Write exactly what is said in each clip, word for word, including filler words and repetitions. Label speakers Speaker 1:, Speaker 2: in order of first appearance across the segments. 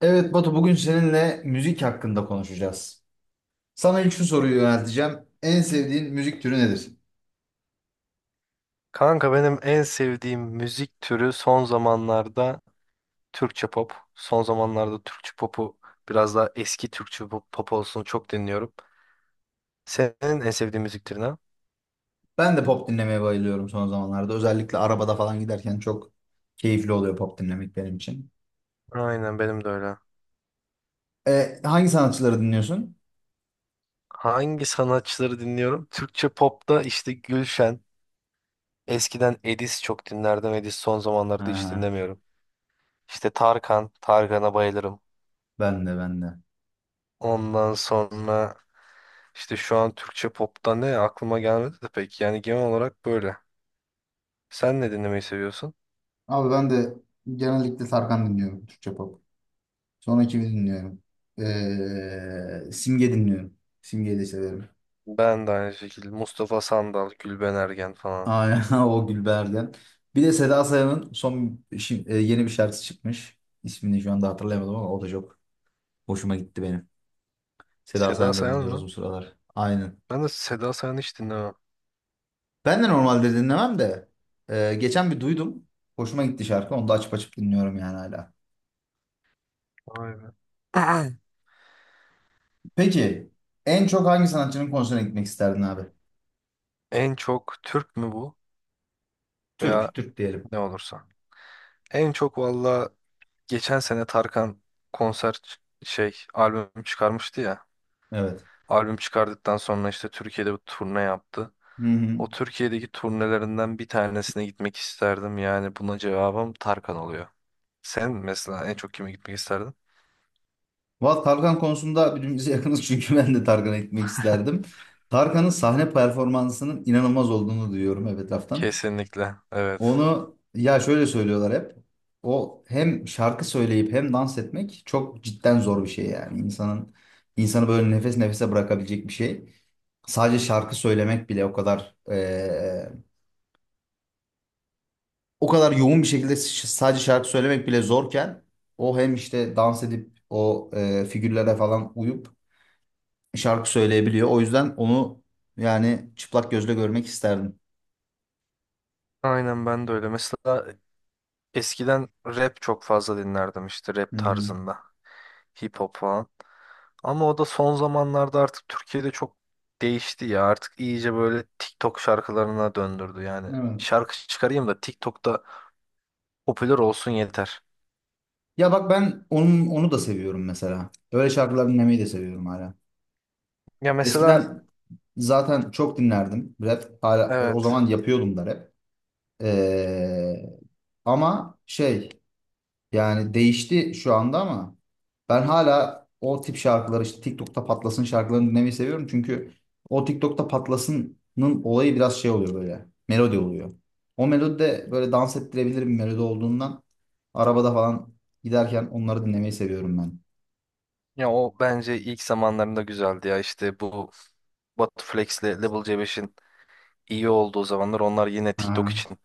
Speaker 1: Evet Batu bugün seninle müzik hakkında konuşacağız. Sana ilk şu soruyu yönelteceğim. En sevdiğin müzik türü nedir?
Speaker 2: Kanka benim en sevdiğim müzik türü son zamanlarda Türkçe pop. Son zamanlarda Türkçe popu biraz daha eski Türkçe pop, pop olsun çok dinliyorum. Senin en sevdiğin müzik türü ne?
Speaker 1: Ben de pop dinlemeye bayılıyorum son zamanlarda. Özellikle arabada falan giderken çok keyifli oluyor pop dinlemek benim için.
Speaker 2: Aynen benim de öyle.
Speaker 1: E, hangi sanatçıları dinliyorsun?
Speaker 2: Hangi sanatçıları dinliyorum? Türkçe popta işte Gülşen. Eskiden Edis çok dinlerdim. Edis son zamanlarda hiç
Speaker 1: Ha,
Speaker 2: dinlemiyorum. İşte Tarkan. Tarkan'a bayılırım.
Speaker 1: ben de ben de.
Speaker 2: Ondan sonra işte şu an Türkçe popta ne aklıma gelmedi de pek. Yani genel olarak böyle. Sen ne dinlemeyi seviyorsun?
Speaker 1: Abi ben de genellikle Tarkan dinliyorum Türkçe pop. Sonra kimi dinliyorum? Ee, Simge dinliyorum. Simge'yi de severim.
Speaker 2: Ben de aynı şekilde. Mustafa Sandal, Gülben Ergen falan.
Speaker 1: Aynen o Gülbergen. Bir de Seda Sayan'ın son şi- e, yeni bir şarkısı çıkmış. İsmini şu anda hatırlayamadım ama o da çok hoşuma gitti benim. Seda
Speaker 2: Seda
Speaker 1: Sayan'ı da
Speaker 2: Sayan
Speaker 1: dinliyoruz
Speaker 2: mı?
Speaker 1: bu sıralar. Aynen.
Speaker 2: Ben de Seda Sayan'ı hiç dinlemem.
Speaker 1: Ben de normalde dinlemem de e, geçen bir duydum. Hoşuma gitti şarkı. Onu da açıp açıp dinliyorum yani hala.
Speaker 2: Vay be.
Speaker 1: Peki en çok hangi sanatçının konserine gitmek isterdin abi?
Speaker 2: En çok Türk mü bu? Veya
Speaker 1: Türk, Türk diyelim.
Speaker 2: ne olursa. En çok valla geçen sene Tarkan konser ç- şey albüm çıkarmıştı ya.
Speaker 1: Evet.
Speaker 2: Albüm çıkardıktan sonra işte Türkiye'de bir turne yaptı.
Speaker 1: Hı hı.
Speaker 2: O Türkiye'deki turnelerinden bir tanesine gitmek isterdim. Yani buna cevabım Tarkan oluyor. Sen mesela en çok kime gitmek isterdin?
Speaker 1: Valla Tarkan konusunda birbirimize yakınız çünkü ben de Tarkan'a gitmek isterdim. Tarkan'ın sahne performansının inanılmaz olduğunu duyuyorum hep etraftan.
Speaker 2: Kesinlikle. Evet.
Speaker 1: Onu ya şöyle söylüyorlar hep. O hem şarkı söyleyip hem dans etmek çok cidden zor bir şey yani. İnsanın insanı böyle nefes nefese bırakabilecek bir şey. Sadece şarkı söylemek bile o kadar eee, o kadar yoğun bir şekilde ş- sadece şarkı söylemek bile zorken o hem işte dans edip o eee, figürlere falan uyup şarkı söyleyebiliyor. O yüzden onu yani çıplak gözle görmek isterdim.
Speaker 2: Aynen ben de öyle. Mesela eskiden rap çok fazla dinlerdim işte rap
Speaker 1: Hı hı.
Speaker 2: tarzında. Hip hop falan. Ama o da son zamanlarda artık Türkiye'de çok değişti ya. Artık iyice böyle TikTok şarkılarına döndürdü. Yani
Speaker 1: Evet.
Speaker 2: şarkı çıkarayım da TikTok'ta popüler olsun yeter.
Speaker 1: Ya bak ben onun, onu da seviyorum mesela. Böyle şarkılar dinlemeyi de seviyorum hala.
Speaker 2: Ya mesela
Speaker 1: Eskiden zaten çok dinlerdim rap. Hala, e, o
Speaker 2: evet.
Speaker 1: zaman yapıyordum da rap. Ee, ama şey, yani değişti şu anda ama ben hala o tip şarkıları işte TikTok'ta patlasın şarkılarını dinlemeyi seviyorum. Çünkü o TikTok'ta patlasının olayı biraz şey oluyor böyle. Melodi oluyor. O melodi de böyle dans ettirebilir bir melodi olduğundan arabada falan giderken onları dinlemeyi seviyorum ben.
Speaker 2: Ya o bence ilk zamanlarında güzeldi ya. İşte bu Batuflex'le Level C beşin iyi olduğu zamanlar onlar yine TikTok
Speaker 1: Ha.
Speaker 2: için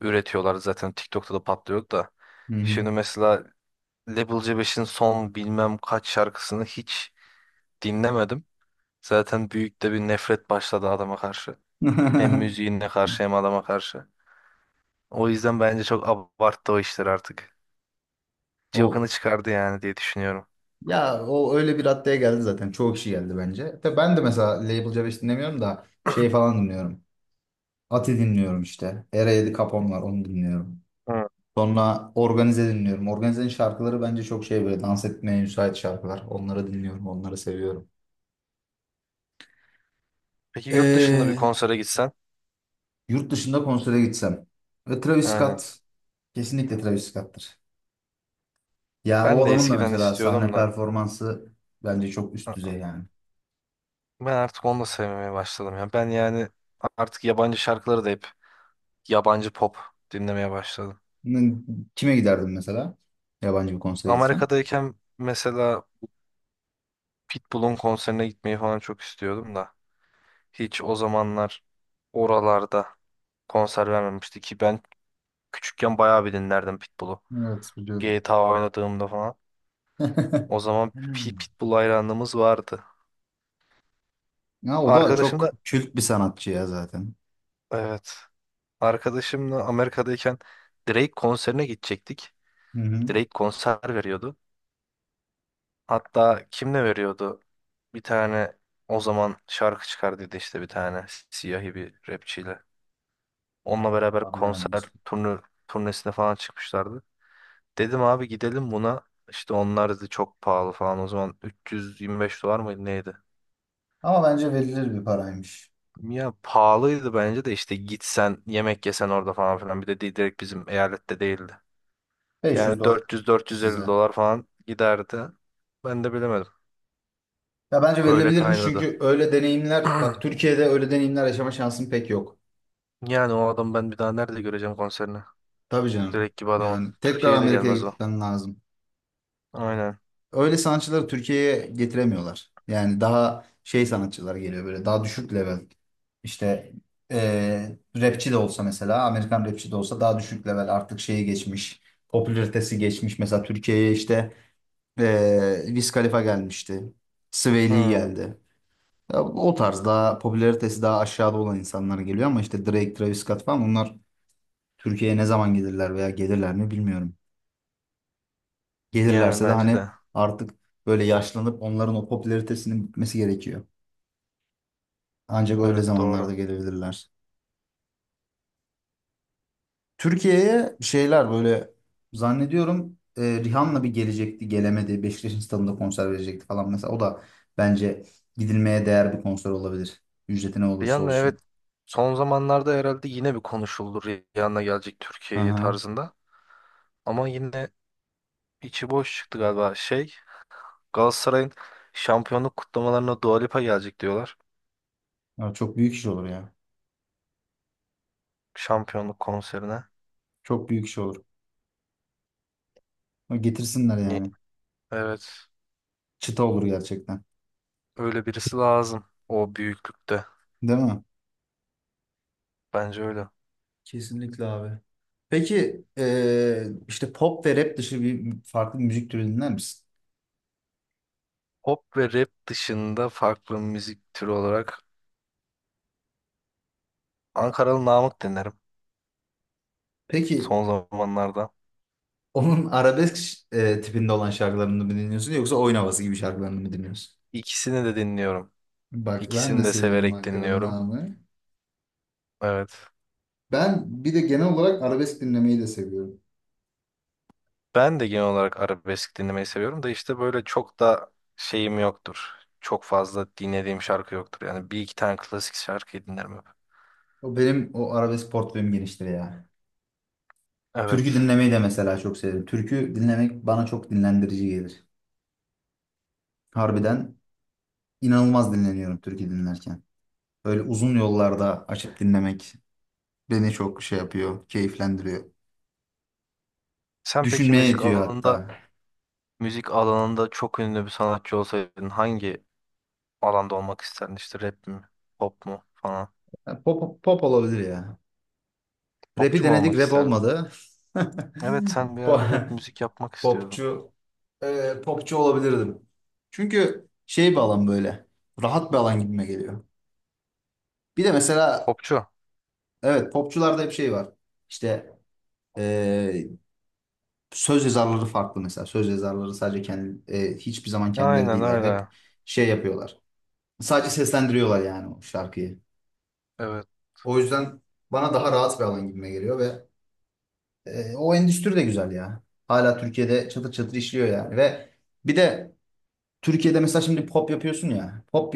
Speaker 2: üretiyorlar zaten TikTok'ta da patlıyor da.
Speaker 1: Hı hı.
Speaker 2: Şimdi mesela Level C beşin son bilmem kaç şarkısını hiç dinlemedim. Zaten büyük de bir nefret başladı adama karşı. Hem müziğine karşı hem adama karşı. O yüzden bence çok abarttı o işler artık.
Speaker 1: O
Speaker 2: Cıvkını çıkardı yani diye düşünüyorum.
Speaker 1: ya o öyle bir raddeye geldi zaten. Çoğu kişi geldi bence. Tabii ben de mesela Label C beş dinlemiyorum da şey falan dinliyorum. Ati dinliyorum işte. Era yedi Capone var, onu dinliyorum.
Speaker 2: Hı.
Speaker 1: Sonra Organize dinliyorum. Organize'nin şarkıları bence çok şey, böyle dans etmeye müsait şarkılar. Onları dinliyorum, onları seviyorum.
Speaker 2: Peki yurt dışında bir
Speaker 1: Ee,
Speaker 2: konsere gitsen?
Speaker 1: yurt dışında konsere gitsem. Ve Travis
Speaker 2: Aynen.
Speaker 1: Scott, kesinlikle Travis Scott'tır. Yani
Speaker 2: Ben
Speaker 1: o
Speaker 2: de
Speaker 1: adamın da
Speaker 2: eskiden
Speaker 1: mesela sahne
Speaker 2: istiyordum da
Speaker 1: performansı bence çok üst
Speaker 2: a-
Speaker 1: düzey yani.
Speaker 2: ben artık onu da sevmemeye başladım ya. Ben yani artık yabancı şarkıları da hep yabancı pop dinlemeye başladım.
Speaker 1: N- Kime giderdin mesela? Yabancı bir konsere gitsen.
Speaker 2: Amerika'dayken mesela Pitbull'un konserine gitmeyi falan çok istiyordum da hiç o zamanlar oralarda konser vermemişti ki ben küçükken bayağı bir dinlerdim Pitbull'u.
Speaker 1: Evet
Speaker 2: G
Speaker 1: biliyorum.
Speaker 2: GTA oynadığımda falan. O zaman P- Pitbull hayranlığımız vardı.
Speaker 1: Ya o da
Speaker 2: Arkadaşım
Speaker 1: çok
Speaker 2: da
Speaker 1: kült bir sanatçı ya zaten.
Speaker 2: evet. Arkadaşımla Amerika'dayken Drake konserine gidecektik.
Speaker 1: Hı hı.
Speaker 2: Drake konser veriyordu. Hatta kim ne veriyordu? Bir tane o zaman şarkı çıkardıydı işte bir tane siyahi bir rapçiyle. Onunla beraber
Speaker 1: Vallahi bilemedim
Speaker 2: konser
Speaker 1: ismini.
Speaker 2: turnu, turnesine falan çıkmışlardı. Dedim abi gidelim buna. İşte onlar dedi çok pahalı falan. O zaman üç yüz yirmi beş dolar mıydı neydi?
Speaker 1: Ama bence verilir bir paraymış.
Speaker 2: Ya pahalıydı bence de işte gitsen yemek yesen orada falan filan. Bir de di- direkt bizim eyalette değildi. Yani
Speaker 1: beş yüz dolar
Speaker 2: dört yüz dört yüz elli
Speaker 1: size.
Speaker 2: dolar falan giderdi. Ben de bilemedim.
Speaker 1: Ya bence
Speaker 2: Öyle
Speaker 1: verilebilirmiş
Speaker 2: kaynadı.
Speaker 1: çünkü öyle deneyimler, bak, Türkiye'de öyle deneyimler yaşama şansın pek yok.
Speaker 2: Yani o adam ben bir daha nerede göreceğim konserini?
Speaker 1: Tabii canım.
Speaker 2: Direkt gibi adamın.
Speaker 1: Yani tekrar
Speaker 2: Türkiye'ye de
Speaker 1: Amerika'ya
Speaker 2: gelmez o.
Speaker 1: gitmen lazım.
Speaker 2: Aynen.
Speaker 1: Öyle sanatçıları Türkiye'ye getiremiyorlar. Yani daha şey sanatçılar geliyor, böyle daha düşük level. İşte eee rapçi de olsa, mesela Amerikan rapçi de olsa, daha düşük level artık şeye geçmiş. Popülaritesi geçmiş. Mesela Türkiye'ye işte eee Wiz Khalifa gelmişti. Sway Lee
Speaker 2: Hmm.
Speaker 1: geldi. Ya o tarz, daha popülaritesi daha aşağıda olan insanlar geliyor ama işte Drake, Travis Scott falan, onlar Türkiye'ye ne zaman gelirler veya gelirler mi bilmiyorum.
Speaker 2: Yani
Speaker 1: Gelirlerse de
Speaker 2: bence
Speaker 1: hani
Speaker 2: de.
Speaker 1: artık böyle yaşlanıp onların o popülaritesinin bitmesi gerekiyor. Ancak öyle
Speaker 2: Evet doğru.
Speaker 1: zamanlarda gelebilirler. Türkiye'ye şeyler böyle zannediyorum, e, Rihanna bir gelecekti, gelemedi. Beşiktaş'ın stadında konser verecekti falan mesela. O da bence gidilmeye değer bir konser olabilir. Ücreti ne olursa
Speaker 2: Rihanna
Speaker 1: olsun.
Speaker 2: evet son zamanlarda herhalde yine bir konuşuldu Rihanna gelecek
Speaker 1: Hı
Speaker 2: Türkiye'ye
Speaker 1: hı.
Speaker 2: tarzında. Ama yine içi boş çıktı galiba şey Galatasaray'ın şampiyonluk kutlamalarına Dua Lipa gelecek diyorlar.
Speaker 1: Ya, çok büyük iş olur ya.
Speaker 2: Şampiyonluk konserine.
Speaker 1: Çok büyük iş olur. Getirsinler
Speaker 2: Ne?
Speaker 1: yani.
Speaker 2: Evet
Speaker 1: Çıta olur gerçekten.
Speaker 2: öyle birisi lazım o büyüklükte
Speaker 1: Değil mi?
Speaker 2: bence öyle.
Speaker 1: Kesinlikle abi. Peki eee, işte pop ve rap dışı bir farklı bir müzik türü dinler misin?
Speaker 2: Pop ve rap dışında farklı müzik türü olarak Ankaralı Namık dinlerim
Speaker 1: Peki
Speaker 2: son zamanlarda.
Speaker 1: onun arabesk eee, tipinde olan şarkılarını mı dinliyorsun yoksa oyun havası gibi şarkılarını mı dinliyorsun?
Speaker 2: İkisini de dinliyorum.
Speaker 1: Bak ben
Speaker 2: İkisini
Speaker 1: de
Speaker 2: de
Speaker 1: seviyorum
Speaker 2: severek
Speaker 1: Ankara'nın
Speaker 2: dinliyorum.
Speaker 1: ağamı.
Speaker 2: Evet.
Speaker 1: Ben bir de genel olarak arabesk dinlemeyi de seviyorum.
Speaker 2: Ben de genel olarak arabesk dinlemeyi seviyorum da işte böyle çok da şeyim yoktur. Çok fazla dinlediğim şarkı yoktur. Yani bir iki tane klasik şarkıyı dinlerim hep.
Speaker 1: O benim o arabesk portföyüm geniştir ya.
Speaker 2: Evet.
Speaker 1: Türkü dinlemeyi de mesela çok severim. Türkü dinlemek bana çok dinlendirici gelir. Harbiden İnanılmaz dinleniyorum türkü dinlerken. Böyle uzun yollarda açıp dinlemek beni çok şey yapıyor, keyiflendiriyor.
Speaker 2: Sen peki
Speaker 1: Düşünmeye
Speaker 2: müzik
Speaker 1: yetiyor
Speaker 2: alanında
Speaker 1: hatta.
Speaker 2: müzik alanında çok ünlü bir sanatçı olsaydın hangi alanda olmak isterdin? İşte rap mi? Pop mu falan?
Speaker 1: Ya, pop, pop olabilir ya. Rap'i
Speaker 2: Popçu mu
Speaker 1: denedik,
Speaker 2: olmak
Speaker 1: rap
Speaker 2: isterdin?
Speaker 1: olmadı.
Speaker 2: Evet sen bir ara
Speaker 1: Po-
Speaker 2: rap müzik yapmak istiyordun.
Speaker 1: Popçu, e, popçu olabilirdim. Çünkü şey bir alan böyle. Rahat bir alan gibime geliyor. Bir de mesela
Speaker 2: Popçu.
Speaker 1: evet, popçularda hep şey var. İşte e, söz yazarları farklı mesela. Söz yazarları sadece kendi, e, hiçbir zaman kendileri
Speaker 2: Aynen
Speaker 1: değiller. Hep
Speaker 2: öyle.
Speaker 1: şey yapıyorlar. Sadece seslendiriyorlar yani o şarkıyı.
Speaker 2: Evet.
Speaker 1: O yüzden bana daha rahat bir alan gibime geliyor ve e, o endüstri de güzel ya. Hala Türkiye'de çatır çatır işliyor yani, ve bir de Türkiye'de mesela şimdi pop yapıyorsun ya. Pop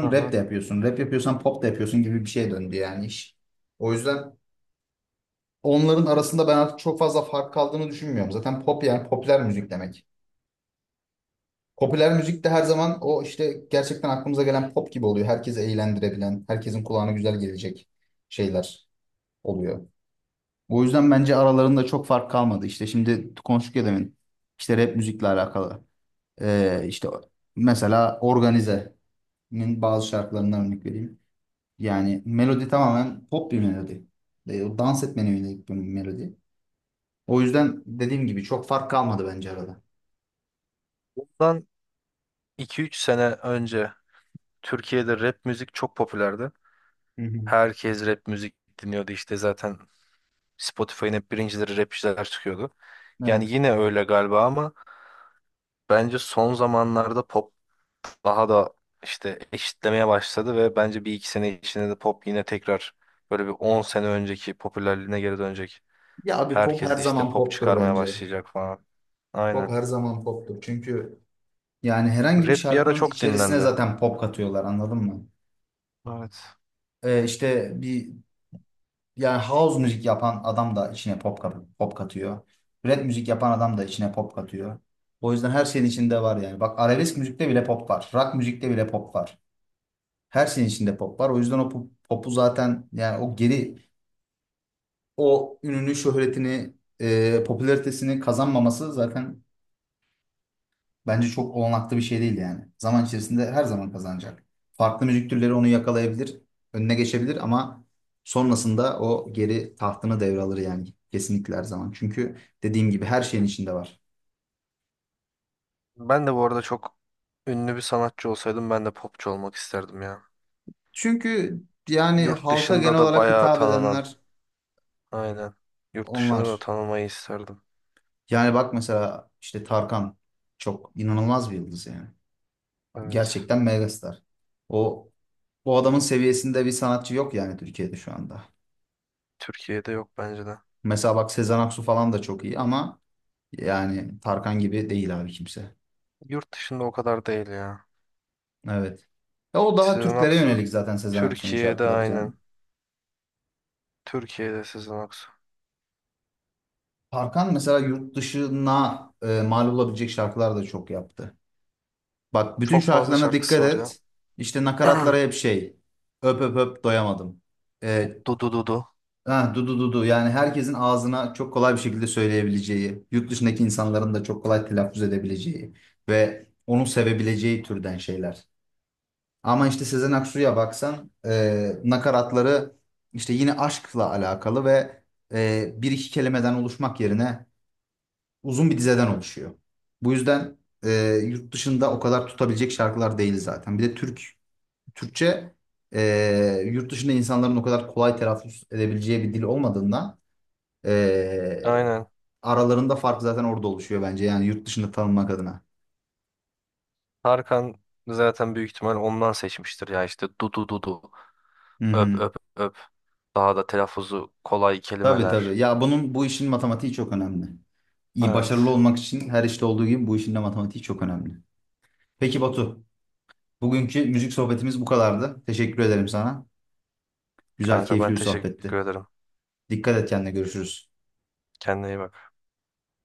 Speaker 2: Hı
Speaker 1: rap
Speaker 2: hı.
Speaker 1: de yapıyorsun. Rap yapıyorsan pop da yapıyorsun gibi bir şeye döndü yani iş. O yüzden onların arasında ben artık çok fazla fark kaldığını düşünmüyorum. Zaten pop yani popüler müzik demek. Popüler müzik de her zaman o işte gerçekten aklımıza gelen pop gibi oluyor. Herkesi eğlendirebilen, herkesin kulağına güzel gelecek şeyler oluyor. O yüzden bence aralarında çok fark kalmadı. İşte şimdi konuştuk ya demin. İşte rap müzikle alakalı. Ee, işte mesela Organize'nin bazı şarkılarından örnek vereyim. Yani melodi tamamen pop bir melodi. Ee, o dans etmene yönelik bir melodi. O yüzden dediğim gibi çok fark kalmadı bence arada.
Speaker 2: Bundan iki üç sene önce Türkiye'de rap müzik çok popülerdi.
Speaker 1: Hı hı.
Speaker 2: Herkes rap müzik dinliyordu işte zaten Spotify'ın hep birincileri rapçiler çıkıyordu. Yani
Speaker 1: Evet.
Speaker 2: yine öyle galiba ama bence son zamanlarda pop daha da işte eşitlemeye başladı ve bence bir iki sene içinde de pop yine tekrar böyle bir on sene önceki popülerliğine geri dönecek.
Speaker 1: Ya abi, pop her
Speaker 2: Herkes işte
Speaker 1: zaman
Speaker 2: pop
Speaker 1: poptur
Speaker 2: çıkarmaya
Speaker 1: bence.
Speaker 2: başlayacak falan.
Speaker 1: Pop
Speaker 2: Aynen.
Speaker 1: her zaman poptur. Çünkü yani herhangi bir
Speaker 2: Rap bir ara
Speaker 1: şarkının
Speaker 2: çok
Speaker 1: içerisine
Speaker 2: dinlendi.
Speaker 1: zaten pop katıyorlar, anladın mı?
Speaker 2: Evet.
Speaker 1: Ee, işte bir, yani house müzik yapan adam da içine pop, kat- pop katıyor. Rap müzik yapan adam da içine pop katıyor. O yüzden her şeyin içinde var yani. Bak, arabesk müzikte bile pop var. Rock müzikte bile pop var. Her şeyin içinde pop var. O yüzden o pop- popu zaten yani, o geri o ününü, şöhretini, e, popülaritesini kazanmaması zaten bence çok olanaklı bir şey değil yani. Zaman içerisinde her zaman kazanacak. Farklı müzik türleri onu yakalayabilir, önüne geçebilir ama sonrasında o geri tahtını devralır yani, kesinlikle her zaman. Çünkü dediğim gibi her şeyin içinde var.
Speaker 2: Ben de bu arada çok ünlü bir sanatçı olsaydım ben de popçu olmak isterdim ya.
Speaker 1: Çünkü yani
Speaker 2: Yurt
Speaker 1: halka
Speaker 2: dışında
Speaker 1: genel
Speaker 2: da
Speaker 1: olarak
Speaker 2: bayağı
Speaker 1: hitap
Speaker 2: tanınan
Speaker 1: edenler
Speaker 2: Aynen. Yurt dışında da
Speaker 1: onlar.
Speaker 2: tanımayı isterdim.
Speaker 1: Yani bak mesela işte Tarkan çok inanılmaz bir yıldız yani.
Speaker 2: Evet.
Speaker 1: Gerçekten megastar. O o adamın seviyesinde bir sanatçı yok yani Türkiye'de şu anda.
Speaker 2: Türkiye'de yok bence de.
Speaker 1: Mesela bak, Sezen Aksu falan da çok iyi ama yani Tarkan gibi değil abi kimse.
Speaker 2: Yurt dışında o kadar değil ya.
Speaker 1: Evet. Ya o daha
Speaker 2: Sezen
Speaker 1: Türklere
Speaker 2: Aksu
Speaker 1: yönelik zaten Sezen Aksu'nun
Speaker 2: Türkiye'de
Speaker 1: şarkıları
Speaker 2: aynen.
Speaker 1: canım.
Speaker 2: Türkiye'de Sezen Aksu.
Speaker 1: Tarkan mesela yurt dışına e, mal olabilecek şarkılar da çok yaptı. Bak bütün
Speaker 2: Çok fazla
Speaker 1: şarkılarına
Speaker 2: şarkısı
Speaker 1: dikkat
Speaker 2: var ya.
Speaker 1: et. İşte nakaratlara hep şey. Öp öp öp doyamadım. E,
Speaker 2: Dudu Dudu.
Speaker 1: ha, du du du du. Yani herkesin ağzına çok kolay bir şekilde söyleyebileceği, yurt dışındaki insanların da çok kolay telaffuz edebileceği ve onu sevebileceği türden şeyler. Ama işte Sezen Aksu'ya baksan, e, nakaratları işte yine aşkla alakalı ve e, bir iki kelimeden oluşmak yerine uzun bir dizeden oluşuyor. Bu yüzden e, yurt dışında o kadar tutabilecek şarkılar değil zaten. Bir de Türk Türkçe e, yurt dışında insanların o kadar kolay telaffuz edebileceği bir dil olmadığından e,
Speaker 2: Aynen.
Speaker 1: aralarında fark zaten orada oluşuyor bence yani, yurt dışında tanınmak adına.
Speaker 2: Tarkan zaten büyük ihtimal ondan seçmiştir ya işte Dudu Dudu.
Speaker 1: Hı
Speaker 2: Öp
Speaker 1: hı.
Speaker 2: öp öp. Daha da telaffuzu kolay
Speaker 1: Tabii
Speaker 2: kelimeler.
Speaker 1: tabii. Ya bunun bu işin matematiği çok önemli. İyi başarılı
Speaker 2: Evet.
Speaker 1: olmak için her işte olduğu gibi bu işin de matematiği çok önemli. Peki Batu, bugünkü müzik sohbetimiz bu kadardı. Teşekkür ederim sana. Güzel,
Speaker 2: Kanka
Speaker 1: keyifli
Speaker 2: ben
Speaker 1: bir
Speaker 2: teşekkür
Speaker 1: sohbetti.
Speaker 2: ederim.
Speaker 1: Dikkat et kendine, görüşürüz.
Speaker 2: Kendine iyi bak.